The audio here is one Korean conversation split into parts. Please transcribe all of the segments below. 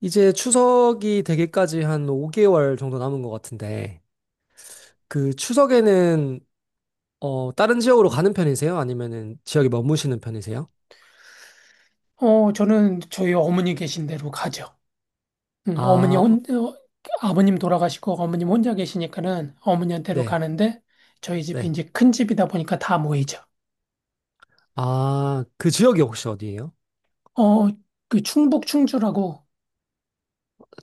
이제 추석이 되기까지 한 5개월 정도 남은 것 같은데, 그 추석에는, 다른 지역으로 가는 편이세요? 아니면은 지역에 머무시는 편이세요? 저는 저희 어머니 계신 데로 가죠. 음, 아, 어머니 어, 혼, 어, 아버님 돌아가시고 어머님 혼자 계시니까는 어머니한테로 네, 가는데, 저희 집이 네. 이제 큰 집이다 보니까 다 모이죠. 아, 그 지역이 혹시 어디예요? 어, 그 충북 충주라고.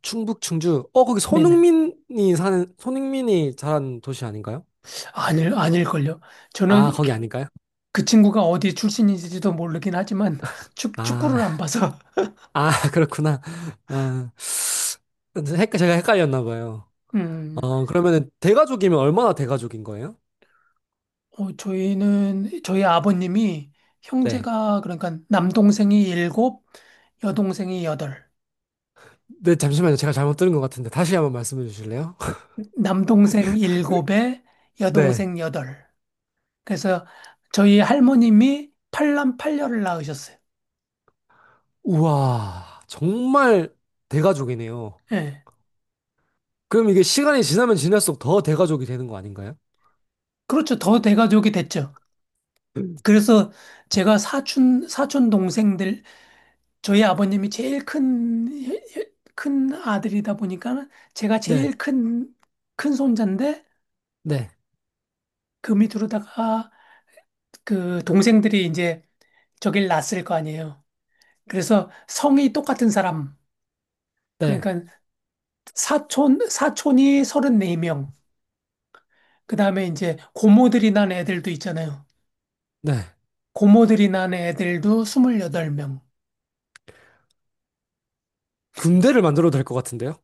충북, 충주. 거기 네네. 손흥민이 사는, 손흥민이 자란 도시 아닌가요? 아닐걸요. 아, 저는, 거기 아닌가요? 그 친구가 어디 출신인지도 모르긴 하지만 축구를 안 아, 봐서. 아, 그렇구나. 아, 제가 헷갈렸나 봐요. 음, 그러면은 대가족이면 얼마나 대가족인 거예요? 저희 아버님이 네. 형제가, 그러니까 남동생이 일곱, 여동생이 여덟. 네, 잠시만요. 제가 잘못 들은 것 같은데 다시 한번 말씀해 주실래요? 남동생 일곱에 네. 여동생 여덟. 그래서 저희 할머님이 팔남 팔녀를 낳으셨어요. 우와, 정말 대가족이네요. 예. 그럼 이게 시간이 지나면 지날수록 더 대가족이 되는 거 아닌가요? 그렇죠. 더 대가족이 됐죠. 그래서 제가 사촌 동생들, 저희 아버님이 제일 큰 아들이다 보니까 제가 네, 제일 큰 손자인데, 네, 그 밑으로다가 그 동생들이 이제 저길 낳았을 거 아니에요. 그래서 성이 똑같은 사람. 네, 그러니까 사촌이 34명. 그 다음에 이제 고모들이 난 애들도 있잖아요. 네. 고모들이 난 애들도 28명. 금대를 만들어도 될 것 같은데요?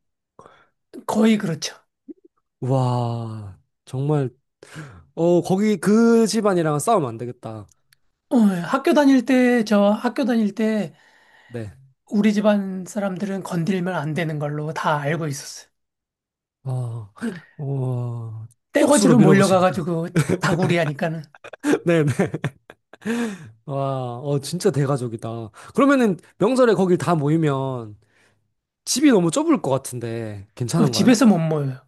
거의 그렇죠. 와, 정말, 거기 그 집안이랑은 싸우면 안 되겠다. 저 학교 다닐 때 네. 우리 집안 사람들은 건들면 안 되는 걸로 다 알고 있었어요. 와, 와, 쪽수로 떼거지로 밀어붙이니까. 몰려가가지고 다구리 하니까는. 네네. 와, 진짜 대가족이다. 그러면은 명절에 거길 다 모이면 집이 너무 좁을 것 같은데 괜찮은가요? 집에서 못 모여요.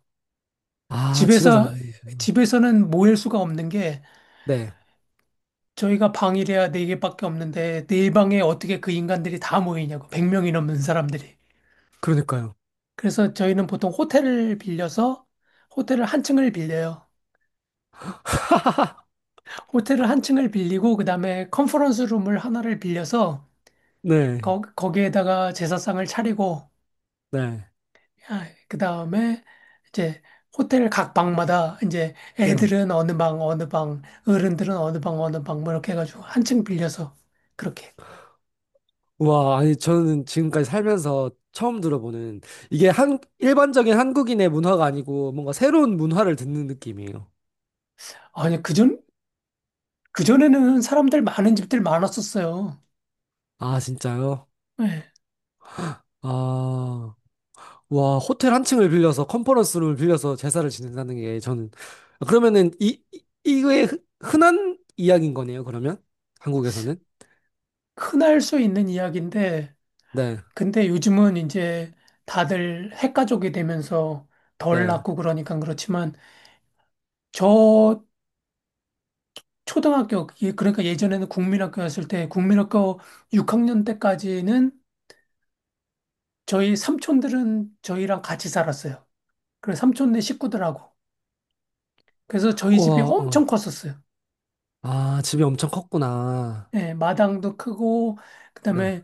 아, 집에서 먹 집에서, 집에서는 모일 수가 없는 게, 네. 저희가 방이래야 네개밖에 없는데 네 방에 어떻게 그 인간들이 다 모이냐고. 100명이 넘는 사람들이. 그러니까요. 그래서 저희는 보통 호텔을 빌려서, 호텔을 한 층을 빌려요. 호텔을 한 층을 빌리고 그다음에 컨퍼런스 룸을 하나를 빌려서 네. 거기에다가 제사상을 차리고. 네. 아, 그다음에 이제 호텔 각 방마다 이제 네. 애들은 어느 방 어느 방, 어른들은 어느 방 어느 방, 뭐 이렇게 해가지고 한 층 빌려서 그렇게. 와, 아니 저는 지금까지 살면서 처음 들어보는 이게 한 일반적인 한국인의 문화가 아니고 뭔가 새로운 문화를 듣는 느낌이에요. 아니, 그전에는 사람들 많은 집들 많았었어요. 아, 진짜요? 네. 아. 와, 호텔 한 층을 빌려서 컨퍼런스 룸을 빌려서 제사를 지낸다는 게 저는 그러면은 이거의 흔한 이야기인 거네요, 그러면? 한국에서는? 흔할 수 있는 이야기인데 네. 근데 요즘은 이제 다들 핵가족이 되면서 덜 네. 낳고 그러니까 그렇지만, 저 초등학교 예, 그러니까 예전에는 국민학교였을 때, 국민학교 6학년 때까지는 저희 삼촌들은 저희랑 같이 살았어요. 그래서 삼촌네 식구들하고. 그래서 저희 집이 와, 어. 엄청 컸었어요. 아, 집이 엄청 컸구나. 예, 마당도 크고 네. 그다음에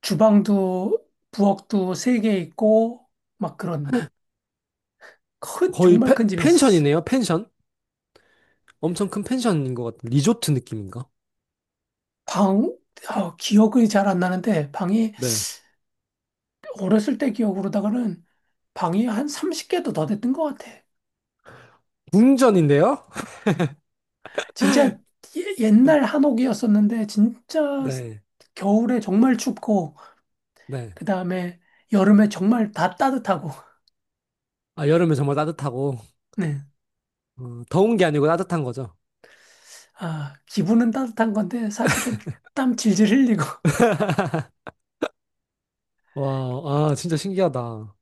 주방도 부엌도 세 개 있고 막 그런, 큰 거의 정말 큰 집이었어요. 펜션이네요, 펜션? 엄청 큰 펜션인 것 같은 리조트 느낌인가? 방, 기억이 잘 안 나는데, 방이, 네. 어렸을 때 기억으로다가는 방이 한 30개도 더 됐던 것 같아. 궁전인데요? 진짜 옛날 한옥이었었는데, 진짜 네. 겨울에 정말 춥고, 네. 그 다음에 여름에 정말 다 따뜻하고, 아, 여름에 정말 따뜻하고, 네. 어, 더운 게 아니고 따뜻한 거죠. 아, 기분은 따뜻한 건데, 사실은 땀 질질 흘리고. 와, 아, 진짜 신기하다.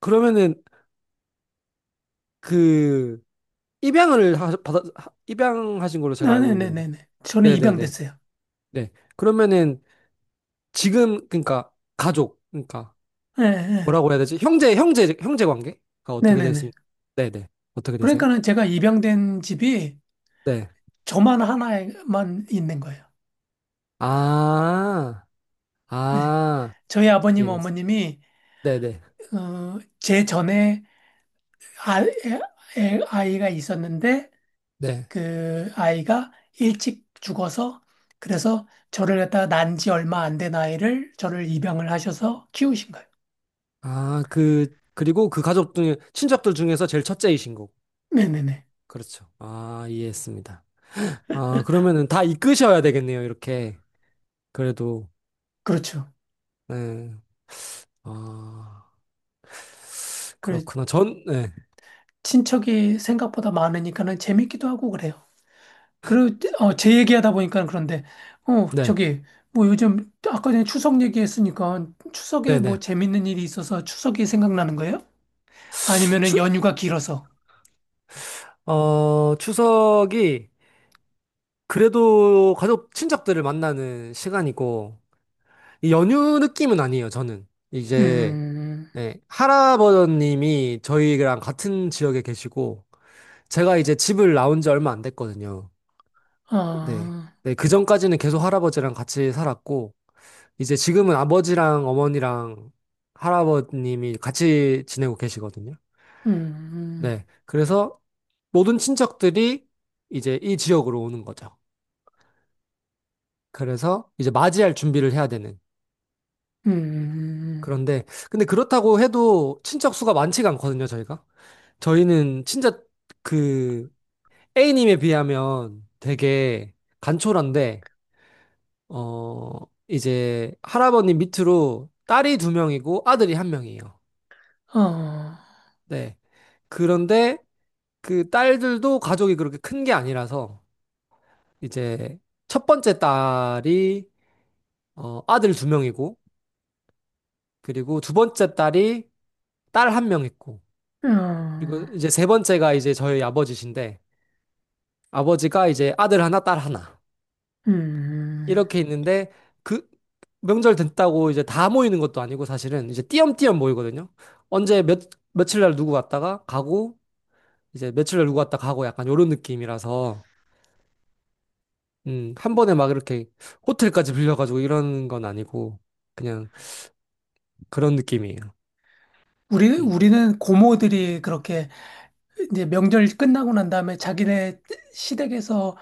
그러면은, 그, 입양을 하, 받아, 하- 입양하신 걸로 제가 알고 있는데. 네네네네. 저는 네네네. 입양됐어요. 네. 그러면은, 지금, 그러니까, 가족, 그러니까, 예, 예. 뭐라고 해야 되지? 형제 관계가 어떻게 네네네. 되세요? 네네. 어떻게 되세요? 그러니까는 제가 입양된 집이 네. 저만 하나만 있는 거예요. 아, 네. 아, 저희 아버님, 이해됐어. 어머님이, 네네. 제 전에 아, 에- 아이가 있었는데, 네. 그 아이가 일찍 죽어서, 그래서 저를 갖다가 난 지 얼마 안 된 아이를 저를 입양을 하셔서 키우신 거예요. 아, 그리고 그 가족 중에, 친척들 중에서 제일 첫째이신 거고. 네네네. 그렇죠. 아, 이해했습니다. 아, 그러면은 다 이끄셔야 되겠네요, 이렇게. 그래도, 그렇죠. 네. 아, 그래, 그렇구나. 전, 네. 친척이 생각보다 많으니까는 재밌기도 하고 그래요. 그리고, 제 얘기하다 보니까 그런데, 어, 네. 저기, 뭐 요즘, 아까 전에 추석 얘기했으니까, 추석에 뭐 네네. 재밌는 일이 있어서 추석이 생각나는 거예요? 아니면은 추, 연휴가 길어서. 추석이 그래도 가족, 친척들을 만나는 시간이고, 이 연휴 느낌은 아니에요, 저는. 이제, 음, 네, 할아버님이 저희랑 같은 지역에 계시고, 제가 이제 집을 나온 지 얼마 안 됐거든요. 네. 아, 네, 그 전까지는 계속 할아버지랑 같이 살았고, 이제 지금은 아버지랑 어머니랑 할아버님이 같이 지내고 계시거든요. 음, 네. 그래서 모든 친척들이 이제 이 지역으로 오는 거죠. 그래서 이제 맞이할 준비를 해야 되는. 음, 근데 그렇다고 해도 친척 수가 많지가 않거든요, 저희가. 저희는 진짜 그 A님에 비하면 되게 간촐한데, 어, 이제 할아버님 밑으로 딸이 두 명이고 아들이 한 명이에요. 아. 네. 그런데 그 딸들도 가족이 그렇게 큰 게 아니라서 이제 첫 번째 딸이 아들 두 명이고, 그리고 두 번째 딸이 딸 한 명 있고, 그리고 어, 어, 이제 세 번째가 이제 저희 아버지신데, 아버지가 이제 아들 하나, 딸 하나. 음. 이렇게 있는데 그 명절 됐다고 이제 다 모이는 것도 아니고 사실은 이제 띄엄띄엄 모이거든요. 언제 몇 며칠 날 누구 왔다가 가고 이제 며칠 날 누구 왔다 가고 약간 요런 느낌이라서 한 번에 막 이렇게 호텔까지 빌려가지고 이런 건 아니고 그냥 그런 느낌이에요. 우리, 음. 우리는 고모들이 그렇게 이제 명절 끝나고 난 다음에 자기네 시댁에서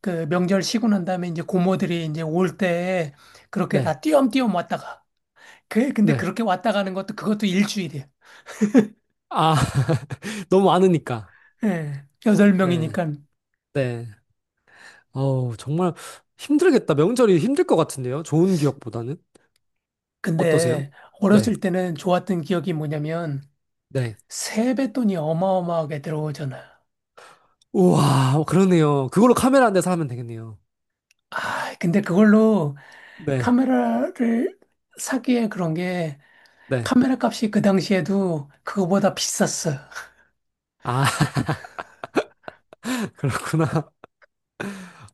그 명절 쉬고 난 다음에 이제 고모들이 이제 올 때 그렇게 네. 다 띄엄띄엄 왔다가. 근데 네. 그렇게 왔다 가는 것도 그것도 일주일이에요. 아, 너무 많으니까. 예. 여덟 네. 명이니까. 네. 어우, 정말 힘들겠다. 명절이 힘들 것 같은데요. 좋은 기억보다는. 어떠세요? 근데 네. 어렸을 때는 좋았던 기억이 뭐냐면, 네. 세뱃돈이 어마어마하게 들어오잖아요. 우와, 그러네요. 그걸로 카메라 한대 사면 되겠네요. 아, 근데 그걸로 네, 카메라를 사기에 그런 게, 네. 카메라 값이 그 당시에도 그거보다 비쌌어요. 아, 그렇구나.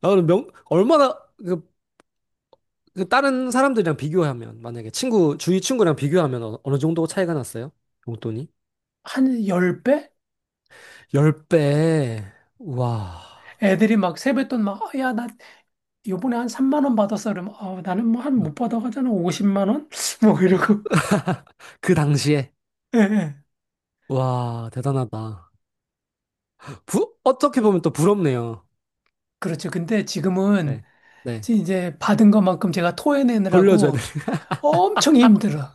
아, 그럼 얼마나, 그, 그 다른 사람들이랑 비교하면, 만약에 친구, 주위 친구랑 비교하면 어느 정도 차이가 났어요? 용돈이? 한 10배? 10배. 우와. 애들이 막 세뱃돈 막, 야, 나 요번에 한 3만 원 받았어. 그러면, 나는 뭐 한 못 받아가잖아. 50만 원? 뭐 이러고. 그 당시에. 예, 예. 와, 대단하다. 어떻게 보면 또 부럽네요. 그렇죠. 근데 지금은 네, 네. 이제 받은 것만큼 제가 돌려줘야 돼. 토해내느라고 엄청 힘들어.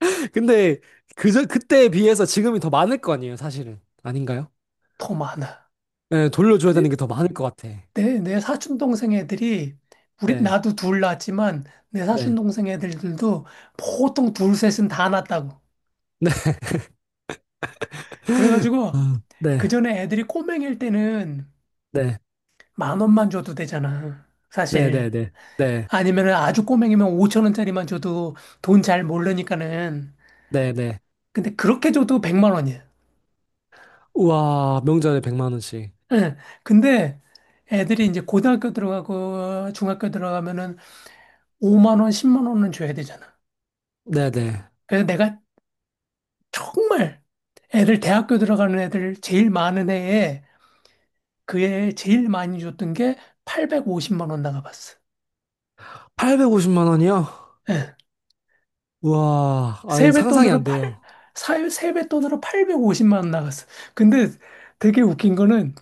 근데, 그때에 비해서 지금이 더 많을 거 아니에요, 사실은. 아닌가요? 더 많아. 네, 돌려줘야 되는 게 더 많을 것 같아. 내 사촌 동생 애들이, 우리 네. 나도 둘 낳았지만 내 사촌 네. 동생 애들들도 보통 둘 셋은 다 낳았다고. 네. 그래가지고 아, 네. 그 전에 애들이 꼬맹일 때는 네. 만 원만 줘도 되잖아. 네. 네. 사실. 네. 네. 아니면 아주 꼬맹이면 오천 원짜리만 줘도 돈 잘 모르니까는. 네. 네. 근데 그렇게 줘도 100만 원이야. 우와, 명절에 100만 원씩. 응. 근데 애들이 이제 고등학교 들어가고 중학교 들어가면은 5만 원, 10만 원은 줘야 되잖아. 네, 네. 그래서 내가 정말 애들 대학교 들어가는 애들 제일 많은 해에, 그 해에 제일 많이 줬던 게 850만 원 나가봤어. 850만 원이요? 예. 우와, 아이 상상이 세뱃돈으로 안 돼요. 사유 세뱃돈으로 850만 원 나갔어. 근데 되게 웃긴 거는,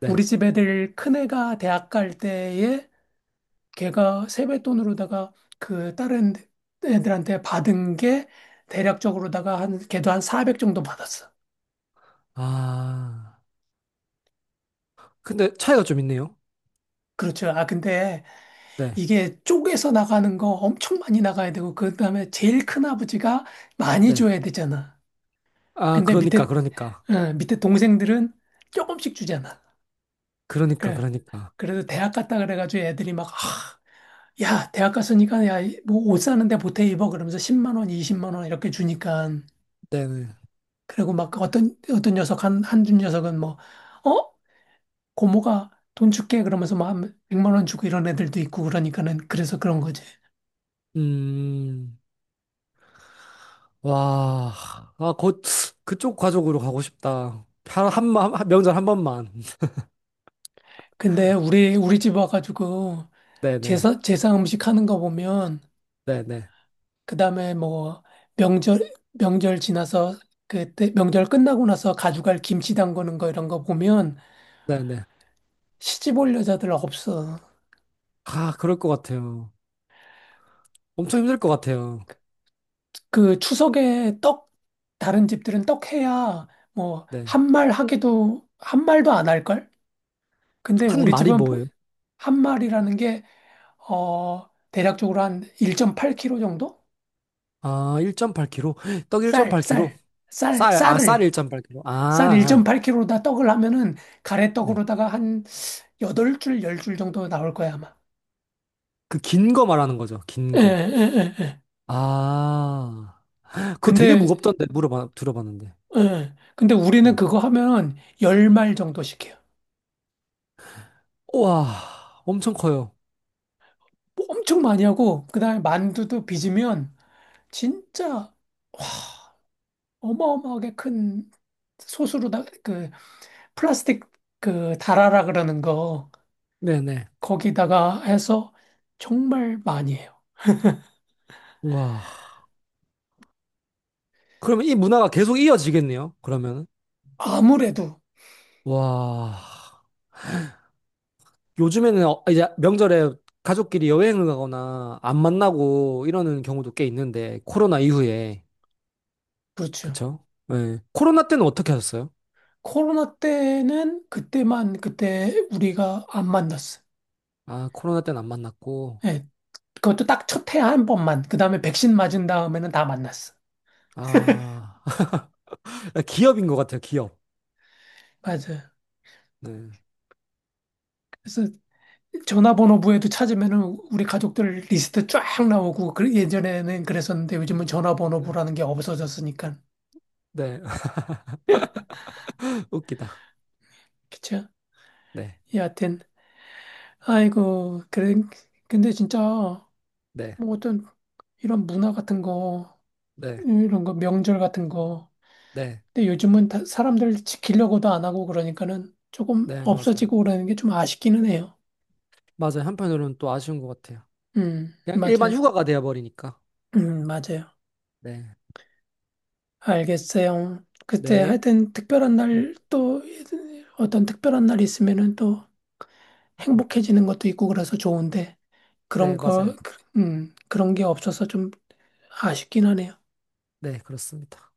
네. 우리 집 애들 큰애가 대학 갈 때에 걔가 세뱃돈으로다가 그 다른 애들한테 받은 게 대략적으로다가 한, 걔도 한 400 정도 받았어. 아. 근데 차이가 좀 있네요. 그렇죠. 아, 근데 네. 이게 쪼개서 나가는 거 엄청 많이 나가야 되고, 그 다음에 제일 큰 아버지가 많이 네. 줘야 되잖아. 아, 근데 그러니까 그러니까. 밑에 동생들은 조금씩 주잖아. 그러니까 그래. 그러니까. 그래도 대학 갔다 그래가지고 애들이 막, 야, 대학 갔으니까, 야, 뭐 옷 사는데 보태 입어. 그러면서 10만 원, 20만 원 이렇게 주니까. 네. 네. 그리고 막 어떤 녀석, 한준 녀석은 뭐, 어? 고모가 돈 줄게. 그러면서 막 100만 원 주고 이런 애들도 있고 그러니까는 그래서 그런 거지. 음. 와. 아, 곧 그쪽 가족으로 가고 싶다. 한 명절 한 번만. 근데 우리 집 와가지고 네네. 제사 음식 하는 거 보면, 네네. 그다음에 뭐 명절 지나서 그때 명절 끝나고 나서 가져갈 김치 담그는 거 이런 거 보면 네네. 시집 올 여자들 없어. 아, 그럴 것 같아요. 엄청 힘들 것 같아요. 그 추석에 떡, 다른 집들은 떡 해야 뭐 네. 한 말 하기도, 한 말도 안 할 걸? 근데 한 우리 마리 집은 뭐예요? 한 말이라는 게, 대략적으로 한 1.8kg 정도? 아, 1.8kg. 떡 쌀, 쌀, 1.8kg. 쌀, 쌀, 아, 쌀 쌀을 1.8kg. 아, 쌀 아. 1.8kg로다 떡을 하면은 네. 가래떡으로다가 한 8줄, 10줄 정도 나올 거야, 아마. 그 긴 거 말하는 거죠. 긴 예, 거. 예, 예, 예. 아. 그거 되게 근데, 무겁던데, 들어봤는데. 예. 근데 네. 우리는 그거 하면 10말 정도씩 해요. 우와, 엄청 커요. 뭐 엄청 많이 하고, 그 다음에 만두도 빚으면 진짜 어마어마하게 큰 소스로다, 플라스틱, 달아라 그러는 거, 네네. 거기다가 해서 정말 많이 해요. 우와. 그러면 이 문화가 계속 이어지겠네요. 그러면은. 아무래도, 와. 요즘에는 이제 명절에 가족끼리 여행을 가거나 안 만나고 이러는 경우도 꽤 있는데, 코로나 이후에. 그렇죠. 그쵸? 네. 코로나 때는 어떻게 하셨어요? 코로나 때는 그때 우리가 안 만났어. 아, 코로나 때는 안 만났고, 예, 그것도 딱 첫 해 한 번만. 그 다음에 백신 맞은 다음에는 다 만났어. 아, 기업인 것 같아요, 기업. 맞아. 네. 그래서 전화번호부에도 찾으면은 우리 가족들 리스트 쫙 나오고, 그 예전에는 그랬었는데 요즘은 네. 전화번호부라는 게 없어졌으니까. 네. 웃기다. 그쵸? 네. 여하튼 아이고, 그래. 근데 진짜 네. 뭐 어떤 이런 문화 같은 거, 네. 이런 거 명절 같은 거, 네. 근데 요즘은 사람들 지키려고도 안 하고 그러니까는 조금 네, 맞아요. 없어지고 그러는 게 좀 아쉽기는 해요. 맞아요. 한편으로는 또 아쉬운 것 같아요. 그냥 일반 맞아요. 휴가가 되어버리니까. 맞아요. 네. 알겠어요. 그때 네. 하여튼 특별한 네, 날, 또 어떤 특별한 날 있으면은 또 행복해지는 것도 있고 그래서 좋은데, 그런 네, 맞아요. 거, 그런 게 없어서 좀 아쉽긴 하네요. 네, 그렇습니다.